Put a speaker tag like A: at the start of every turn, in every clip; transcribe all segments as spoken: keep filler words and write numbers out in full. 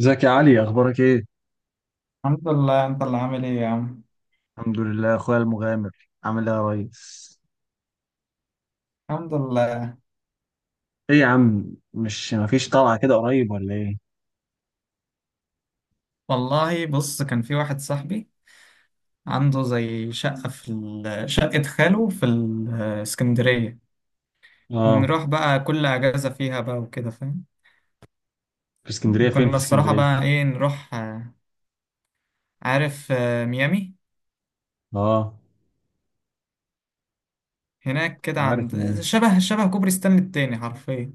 A: ازيك يا علي، اخبارك ايه؟
B: الحمد لله. انت اللي عامل ايه يا عم؟
A: الحمد لله يا اخويا المغامر. عامل ايه يا ريس؟
B: الحمد لله.
A: ايه يا عم، مش مفيش طلعه كده قريب ولا ايه؟
B: والله بص، كان في واحد صاحبي عنده زي شقة في ال- شقة خاله في الإسكندرية،
A: اه.
B: نروح بقى كل أجازة فيها بقى وكده فاهم.
A: في اسكندريه فين في
B: كنا الصراحة
A: اسكندريه؟
B: بقى ايه نروح آه، عارف، آه، ميامي.
A: اه،
B: هناك كده
A: عارف
B: عند
A: مين.
B: شبه شبه كوبري ستانلي التاني حرفيا.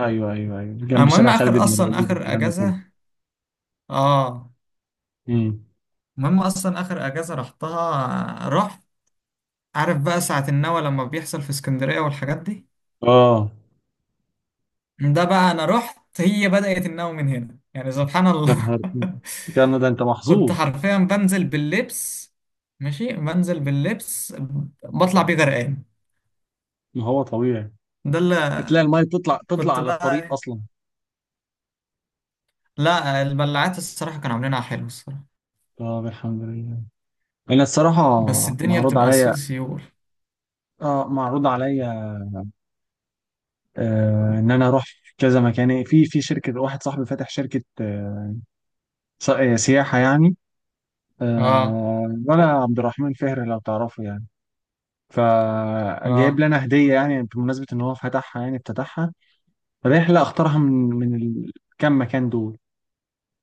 A: ايوه ايوه ايوه، جنب
B: المهم
A: شارع خالد
B: آخر
A: بن
B: أصلا
A: الوليد
B: آخر
A: والكلام ده كله.
B: أجازة. اه.
A: امم.
B: المهم أصلا آخر أجازة رحتها، آه، رحت. عارف بقى ساعة النوى لما بيحصل في اسكندرية والحاجات دي،
A: اه.
B: ده بقى انا رحت هي بدأت النوم من هنا يعني سبحان
A: يا
B: الله.
A: نهار، يا نهار ده انت
B: كنت
A: محظوظ!
B: حرفيا بنزل باللبس، ماشي بنزل باللبس، بطلع بيه غرقان.
A: ما هو طبيعي.
B: ده اللي
A: هتلاقي الميه تطلع تطلع
B: كنت
A: على الطريق
B: بقى
A: اصلا.
B: لا، البلعات الصراحة كانوا عاملينها حلو الصراحة،
A: طب الحمد لله. انا الصراحه،
B: بس الدنيا
A: معروض
B: بتبقى
A: عليا.
B: سيول سيول.
A: اه، معروض عليا. آه، ان انا اروح في كذا مكان، يعني في في شركه واحد صاحبي فاتح شركه، آه، ص- آه، سياحه يعني.
B: اه.
A: آه، ولا عبد الرحمن فهر لو تعرفه يعني. فجايب
B: اه.
A: لي انا هديه، يعني بمناسبه ان هو فتحها يعني افتتحها. رحله اختارها من من الكام مكان دول.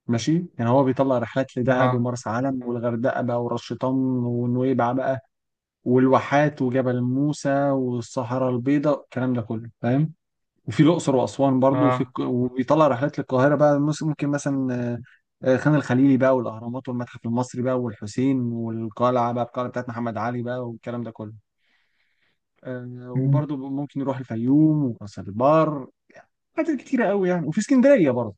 A: ماشي يعني، هو بيطلع رحلات لدهب
B: اه.
A: ومرسى علم والغردقه بقى وراس شيطان ونويبع بقى والواحات وجبل موسى والصحراء البيضاء الكلام ده كله فاهم. وفي الأقصر وأسوان برضو، وفي
B: اه.
A: الك- وبيطلع رحلات للقاهرة بقى، مس- ممكن مثلا آه، آه، خان الخليلي بقى والأهرامات والمتحف المصري بقى والحسين والقلعة بقى، القلعة بتاعت محمد علي بقى والكلام ده كله. آه،
B: مم،
A: وبرضو ممكن يروح الفيوم وراس البر. حاجات كتيرة قوي يعني، وفي اسكندرية برضو.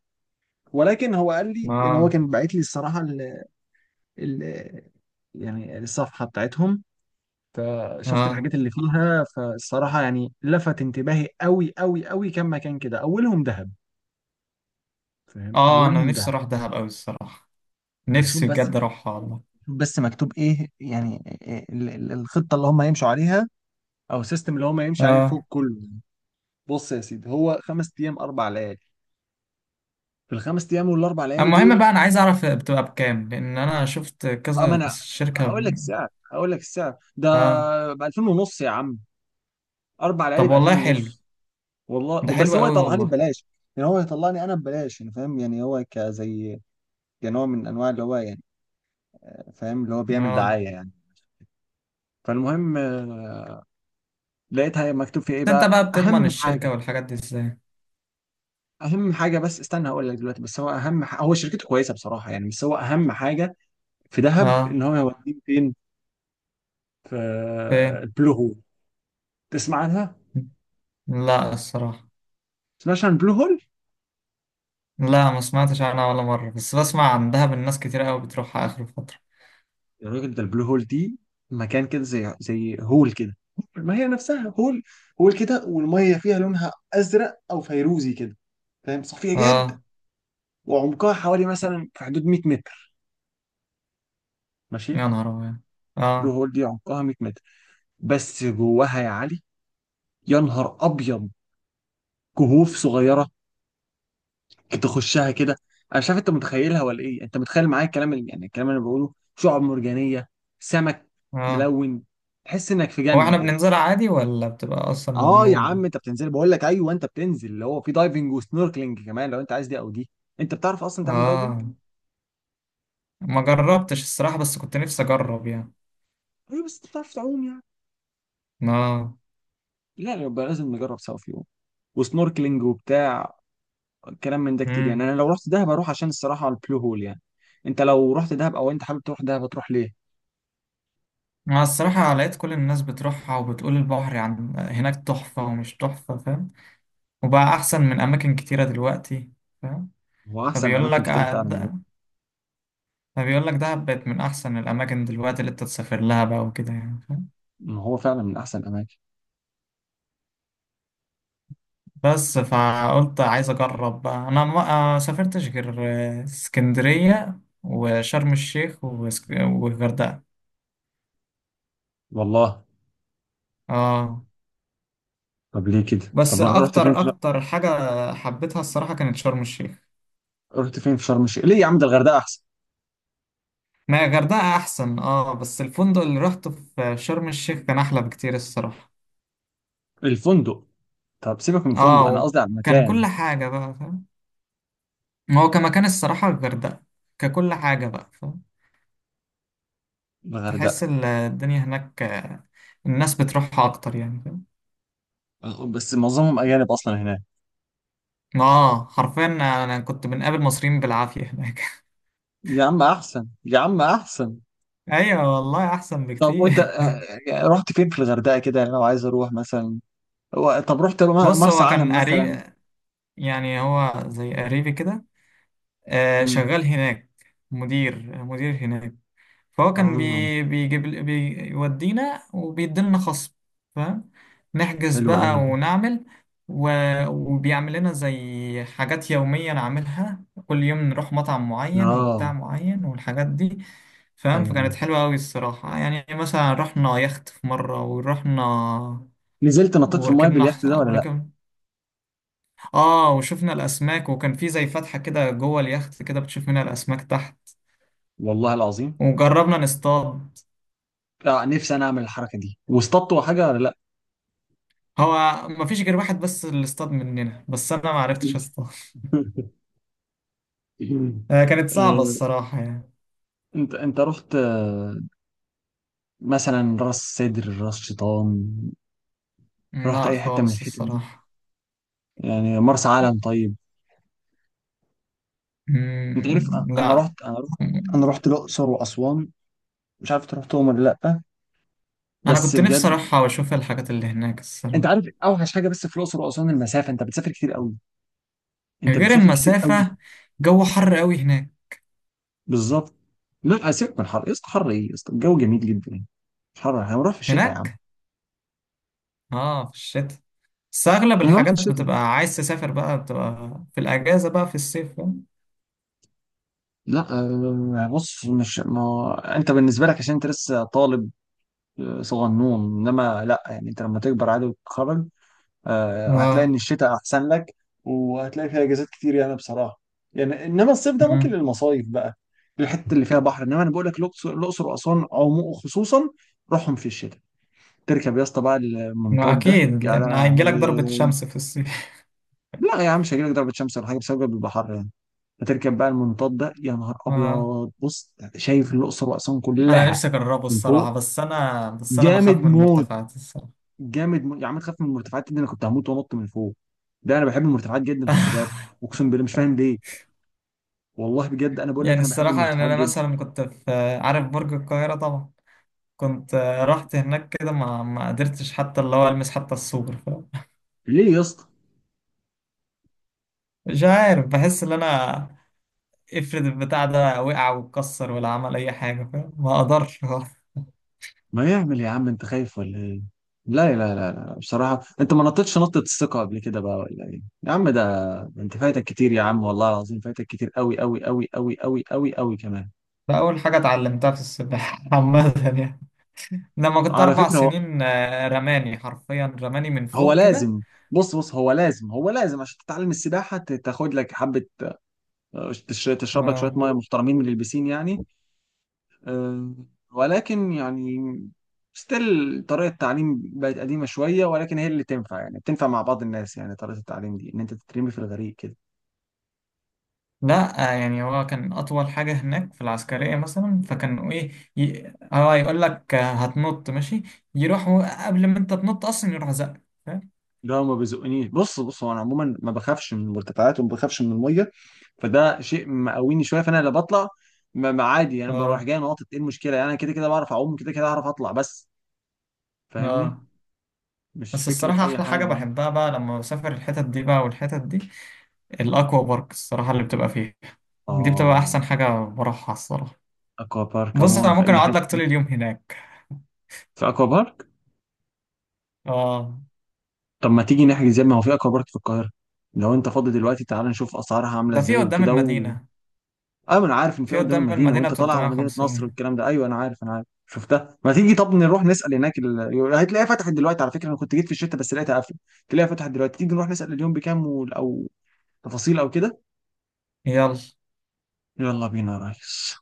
A: ولكن هو قال لي، يعني هو
B: اه.
A: كان باعت لي الصراحة ال ال يعني الصفحة بتاعتهم. فشفت
B: اه.
A: الحاجات اللي فيها، فالصراحة يعني لفت انتباهي قوي قوي قوي كم مكان كده، أولهم دهب. فاهم،
B: اه. انا
A: أولهم
B: نفسي
A: دهب.
B: اروح دهب قوي الصراحة،
A: شوف
B: نفسي
A: بس شوف،
B: بجد اروحها والله.
A: بس مكتوب ايه يعني؟ ال- ال- الخطه اللي هم هيمشوا عليها، او السيستم اللي هم هيمشي عليه
B: اه.
A: الفوق كله. بص يا سيدي، هو خمس ايام اربع ليالي. في الخمس ايام والاربع ليالي
B: المهم
A: دول،
B: بقى انا عايز اعرف بتبقى بكام، لان انا شفت
A: اه ما
B: كذا
A: انا
B: شركة.
A: هقول لك السعر هقول لك السعر ده
B: اه.
A: ب ألفين ونص يا عم، اربع ليالي
B: طب
A: ب ألفين
B: والله حلو.
A: ونص.
B: ده
A: والله بس
B: حلو
A: هو
B: قوي
A: يطلعها لي
B: والله.
A: ببلاش. يعني هو يطلعني انا ببلاش، يعني فاهم، يعني هو كزي كنوع من انواع اللي هو يعني آه، فاهم، اللي هو بيعمل
B: اه.
A: دعايه يعني. فالمهم آه، لقيتها مكتوب فيه
B: بس
A: ايه
B: انت
A: بقى،
B: بقى بتضمن
A: اهم حاجه.
B: الشركة والحاجات دي ازاي؟
A: اهم حاجه بس استنى، هقول لك دلوقتي، بس هو اهم ح... هو شركته كويسه بصراحه يعني، بس هو اهم حاجه في دهب
B: اه.
A: ان هو هيوديك فين. في
B: فين؟
A: البلو هول. تسمع عنها، ما
B: لا الصراحة.
A: تسمعش عن البلو هول؟
B: لا ما سمعتش عنها ولا مرة، بس بسمع عن دهب الناس كتير قوي بتروحها اخر فترة.
A: يا راجل، ده البلو هول دي مكان كده زي زي هول كده، ما هي نفسها هول، هول كده، والميه فيها لونها ازرق او فيروزي كده، فاهم، صافيه جدا.
B: اه.
A: وعمقها حوالي مثلا في حدود ميت متر، ماشي.
B: يا نهار ابيض.
A: البلو
B: اه.
A: هول دي عمقها ميت متر، بس جواها يا علي، يا نهار ابيض، كهوف صغيره تخشها كده. انا شايف انت متخيلها ولا ايه؟ انت متخيل معايا الكلام اللي، يعني الكلام اللي انا بقوله؟ شعاب مرجانيه، سمك
B: اه.
A: ملون، تحس انك في
B: هو
A: جنه
B: احنا
A: كده.
B: بننزلها عادي ولا بتبقى اصلا
A: اه يا عم
B: ممنوعة؟
A: انت بتنزل، بقول لك ايوه انت بتنزل اللي هو في دايفنج وسنوركلينج كمان، لو انت عايز دي او دي. انت بتعرف اصلا تعمل دايفنج؟
B: اه. ما جربتش الصراحة، بس كنت نفسي اجرب يعني.
A: ايوه، بس انت بتعرف تعوم يعني؟
B: اه.
A: لا لا، يبقى لازم نجرب سوا في يوم وسنوركلينج وبتاع، كلام من ده كتير يعني.
B: مم.
A: انا لو رحت دهب اروح عشان الصراحه البلو هول يعني. انت لو رحت دهب، او انت حابب تروح دهب هتروح ليه؟
B: مع الصراحة لقيت كل الناس بتروحها وبتقول البحر عن هناك تحفة ومش تحفة، فاهم؟ وبقى أحسن من أماكن كتيرة دلوقتي، فاهم؟
A: هو احسن
B: فبيقول
A: اماكن
B: لك
A: كتير
B: آه،
A: فعلا دلوقتي.
B: ده- فبيقول لك دهب بقت من أحسن الأماكن دلوقتي اللي أنت تسافر لها بقى وكده يعني، فاهم؟
A: ما هو فعلا من احسن الاماكن.
B: بس فقلت عايز أجرب بقى. أنا ما آه، سافرتش غير آه، اسكندرية وشرم الشيخ واسك- والغردقة.
A: والله
B: آه.
A: طب ليه كده؟
B: بس
A: طب رحت فين
B: أكتر
A: في شر...
B: أكتر حاجة حبيتها الصراحة كانت شرم الشيخ.
A: رحت فين في شرم الشيخ ليه يا عم؟ ده الغردقه احسن.
B: ما الغردقة أحسن أه، بس الفندق اللي روحته في شرم الشيخ كان أحلى بكتير الصراحة.
A: الفندق، طب سيبك من الفندق،
B: أه،
A: انا قصدي على
B: وكان
A: المكان.
B: كل حاجة بقى فاهم. هو كمكان الصراحة الغردقة، ككل حاجة بقى فاهم، تحس
A: الغردقه.
B: ال- الدنيا هناك، آه، الناس بتروحها أكتر يعني، فاهم؟
A: بس معظمهم اجانب اصلا هناك.
B: أه، حرفيا. أنا كنت بنقابل مصريين بالعافية هناك.
A: يا عم احسن، يا عم احسن.
B: أيوة والله، أحسن
A: طب
B: بكتير.
A: وانت آه، آه، آه، رحت فين في الغردقه كده يعني لو عايز اروح مثلا؟ هو- طب رحت م-
B: بص،
A: مرسى
B: هو كان
A: علم مثلا؟
B: قريب، يعني هو زي قريبي كده، آه،
A: امم.
B: شغال هناك، مدير مدير هناك، فهو كان
A: اه.
B: بي بيجيب بيودينا وبيديلنا خصم، فاهم؟ نحجز
A: حلو
B: بقى
A: قوي.
B: ونعمل و... وبيعمل لنا زي حاجات يومية نعملها كل يوم، نروح مطعم معين
A: اه.
B: وبتاع معين والحاجات دي،
A: ايوه،
B: فاهم؟ فكانت
A: أيوة.
B: حلوة أوي الصراحة يعني. مثلا رحنا يخت في مرة ورحنا
A: نزلت نطيت في المايه
B: وركبنا
A: باليخت
B: حص...
A: ده ولا لا؟
B: وركب. اه، وشفنا الأسماك، وكان في زي فتحة كده جوه اليخت كده بتشوف منها الأسماك تحت،
A: والله العظيم.
B: وجربنا نصطاد.
A: آه نفسي انا اعمل الحركه دي، واصطادت حاجه ولا؟
B: هو ما فيش غير واحد بس اللي اصطاد مننا، بس انا ما عرفتش اصطاد.
A: لا.
B: آه، كانت صعبة
A: آه،
B: الصراحة يعني.
A: انت انت رحت آه، مثلا راس سدر راس شيطان؟ رحت
B: لا
A: اي حته من
B: خالص
A: الحتت دي؟
B: الصراحة.
A: يعني مرسى علم طيب؟ انت عارف انا،
B: مم،
A: أنا
B: لا.
A: رحت انا رحت
B: مم.
A: انا رحت الاقصر واسوان. مش عارف انت رحتهم ولا لا،
B: انا
A: بس
B: كنت نفسي
A: بجد.
B: اروحها واشوف الحاجات اللي هناك
A: انت
B: الصراحة.
A: عارف اوحش حاجه بس في الاقصر واسوان، المسافه، انت بتسافر كتير قوي، انت
B: غير
A: بتسافر كتير قوي.
B: المسافة، جو حر قوي هناك.
A: بالظبط. لا سيبك من الحر يا اسطى، حر ايه يا اسطى؟ الجو جميل جدا. مش حر، احنا هنروح في الشتاء يا عم.
B: هناك. اه، في الشتاء، بس اغلب
A: هنروح في
B: الحاجات
A: الشتاء.
B: بتبقى عايز تسافر بقى بتبقى في الاجازة بقى في الصيف، فاهم؟
A: لا، آه، بص، مش ما هو انت بالنسبه لك عشان انت لسه طالب، آه، صغنون. انما لا يعني، انت لما تكبر عادي وتتخرج آه، هتلاقي ان
B: اه.
A: الشتاء احسن لك. وهتلاقي فيها اجازات كتير يعني بصراحه. يعني انما الصيف ده ممكن
B: مم.
A: للمصايف بقى، للحته اللي فيها بحر. انما انا بقول لك الاقصر الأقصر واسوان عمو خصوصا، روحهم في الشتاء. تركب يا اسطى بقى
B: ما
A: المنطاد ده
B: اكيد،
A: يا
B: لان هيجيلك ضربة
A: لهوي!
B: شمس في الصيف.
A: لا يا عم، مش هيجيلك ضربه شمس ولا حاجه بسبب البحر يعني. فتركب بقى المنطاد ده، يا نهار
B: اه،
A: ابيض، بص شايف الاقصر واسوان
B: انا
A: كلها
B: نفسي اجربه
A: من فوق،
B: الصراحه، بس انا بس انا
A: جامد
B: بخاف من
A: موت،
B: المرتفعات الصراحه.
A: جامد موت يا عم. تخاف من المرتفعات دي؟ انا كنت هموت وانط من فوق. ده انا بحب المرتفعات جدا، خلي بالك. اقسم بالله مش فاهم ليه. والله بجد انا بقول لك،
B: يعني
A: انا بحب
B: الصراحه يعني
A: المرتفعات
B: انا
A: جدا.
B: مثلا كنت في، عارف برج القاهره طبعا، كنت رحت هناك كده، ما ما قدرتش حتى اللي هو المس حتى السور، فاهم؟
A: ليه يا اسطى؟
B: مش عارف، بحس ان انا افرض البتاع ده وقع واتكسر ولا عمل اي حاجه، فاهم؟ ما اقدرش.
A: ما يعمل يا عم، انت خايف ولا ايه؟ لا لا لا لا، بصراحه انت ما نطيتش نطه الثقه قبل كده بقى ولا ايه يا عم؟ ده ده انت فايتك كتير يا عم، والله العظيم فايتك كتير قوي قوي قوي قوي قوي قوي قوي كمان.
B: فاول حاجه اتعلمتها في السباحه عامه يعني، لما كنت
A: على
B: اربع
A: فكره،
B: سنين آه، رماني حرفيا، رماني من
A: هو
B: فوق كده.
A: لازم بص بص، هو لازم هو لازم عشان تتعلم السباحة، ت- تاخد لك حبة، آه، تش- تشرب لك شوية مية محترمين من البسين يعني. آه، ولكن يعني ستيل طريقة التعليم بقت قديمة شوية، ولكن هي اللي تنفع يعني، بتنفع مع بعض الناس يعني، طريقة التعليم دي إن أنت تترمي في الغريق كده.
B: لا آه، يعني هو كان أطول حاجة هناك في العسكرية مثلا، فكانوا إيه، ي... هو يقول لك آه، هتنط ماشي، يروحوا قبل ما أنت تنط أصلا يروح زقك، فاهم؟
A: لا ما بيزقنيش، بص بص هو، أنا عموما ما بخافش من المرتفعات وما بخافش من المية. فده شيء مقويني شوية، فأنا لا بطلع. ما ما عادي يعني، بروح
B: آه.
A: جاي ناطط، إيه المشكلة يعني؟ أنا كده كده بعرف أعوم، كده كده أعرف أطلع بس. فاهمني.
B: آه.
A: مش
B: بس
A: فكرة
B: الصراحة
A: أي
B: أحلى حاجة
A: حاجة يعني.
B: بحبها بقى لما بسافر الحتت دي بقى والحتت دي، الأكوا بارك الصراحة اللي بتبقى فيه، دي بتبقى
A: آه.
B: أحسن حاجة بروحها الصراحة.
A: أكوا بارك
B: بص
A: عموما
B: أنا
A: في
B: ممكن
A: أي حتة.
B: أقعد لك طول اليوم هناك.
A: في أكوا بارك.
B: آه.
A: طب ما تيجي نحجز يا ابني، ما هو في أكوا بارك في القاهرة، لو أنت فاضي دلوقتي تعال نشوف أسعارها عاملة
B: ده في
A: إزاي
B: قدام
A: وكده و...
B: المدينة.
A: أيوة أنا عارف إن في
B: في
A: قدام
B: قدام
A: المدينة،
B: المدينة
A: وأنت
B: ب
A: طالع على مدينة نصر
B: ثلاثمائة وخمسين.
A: والكلام ده. أيوة أنا عارف، أنا عارف شفتها. ما تيجي طب نروح نسأل هناك، ال... هتلاقيها فتحت دلوقتي، على فكرة أنا كنت جيت في الشتاء بس لقيتها قافلة. تلاقيها فتحت دلوقتي، تيجي نروح نسأل اليوم بكام، وال- أو تفاصيل أو كده.
B: يلا.
A: يلا بينا يا ريس.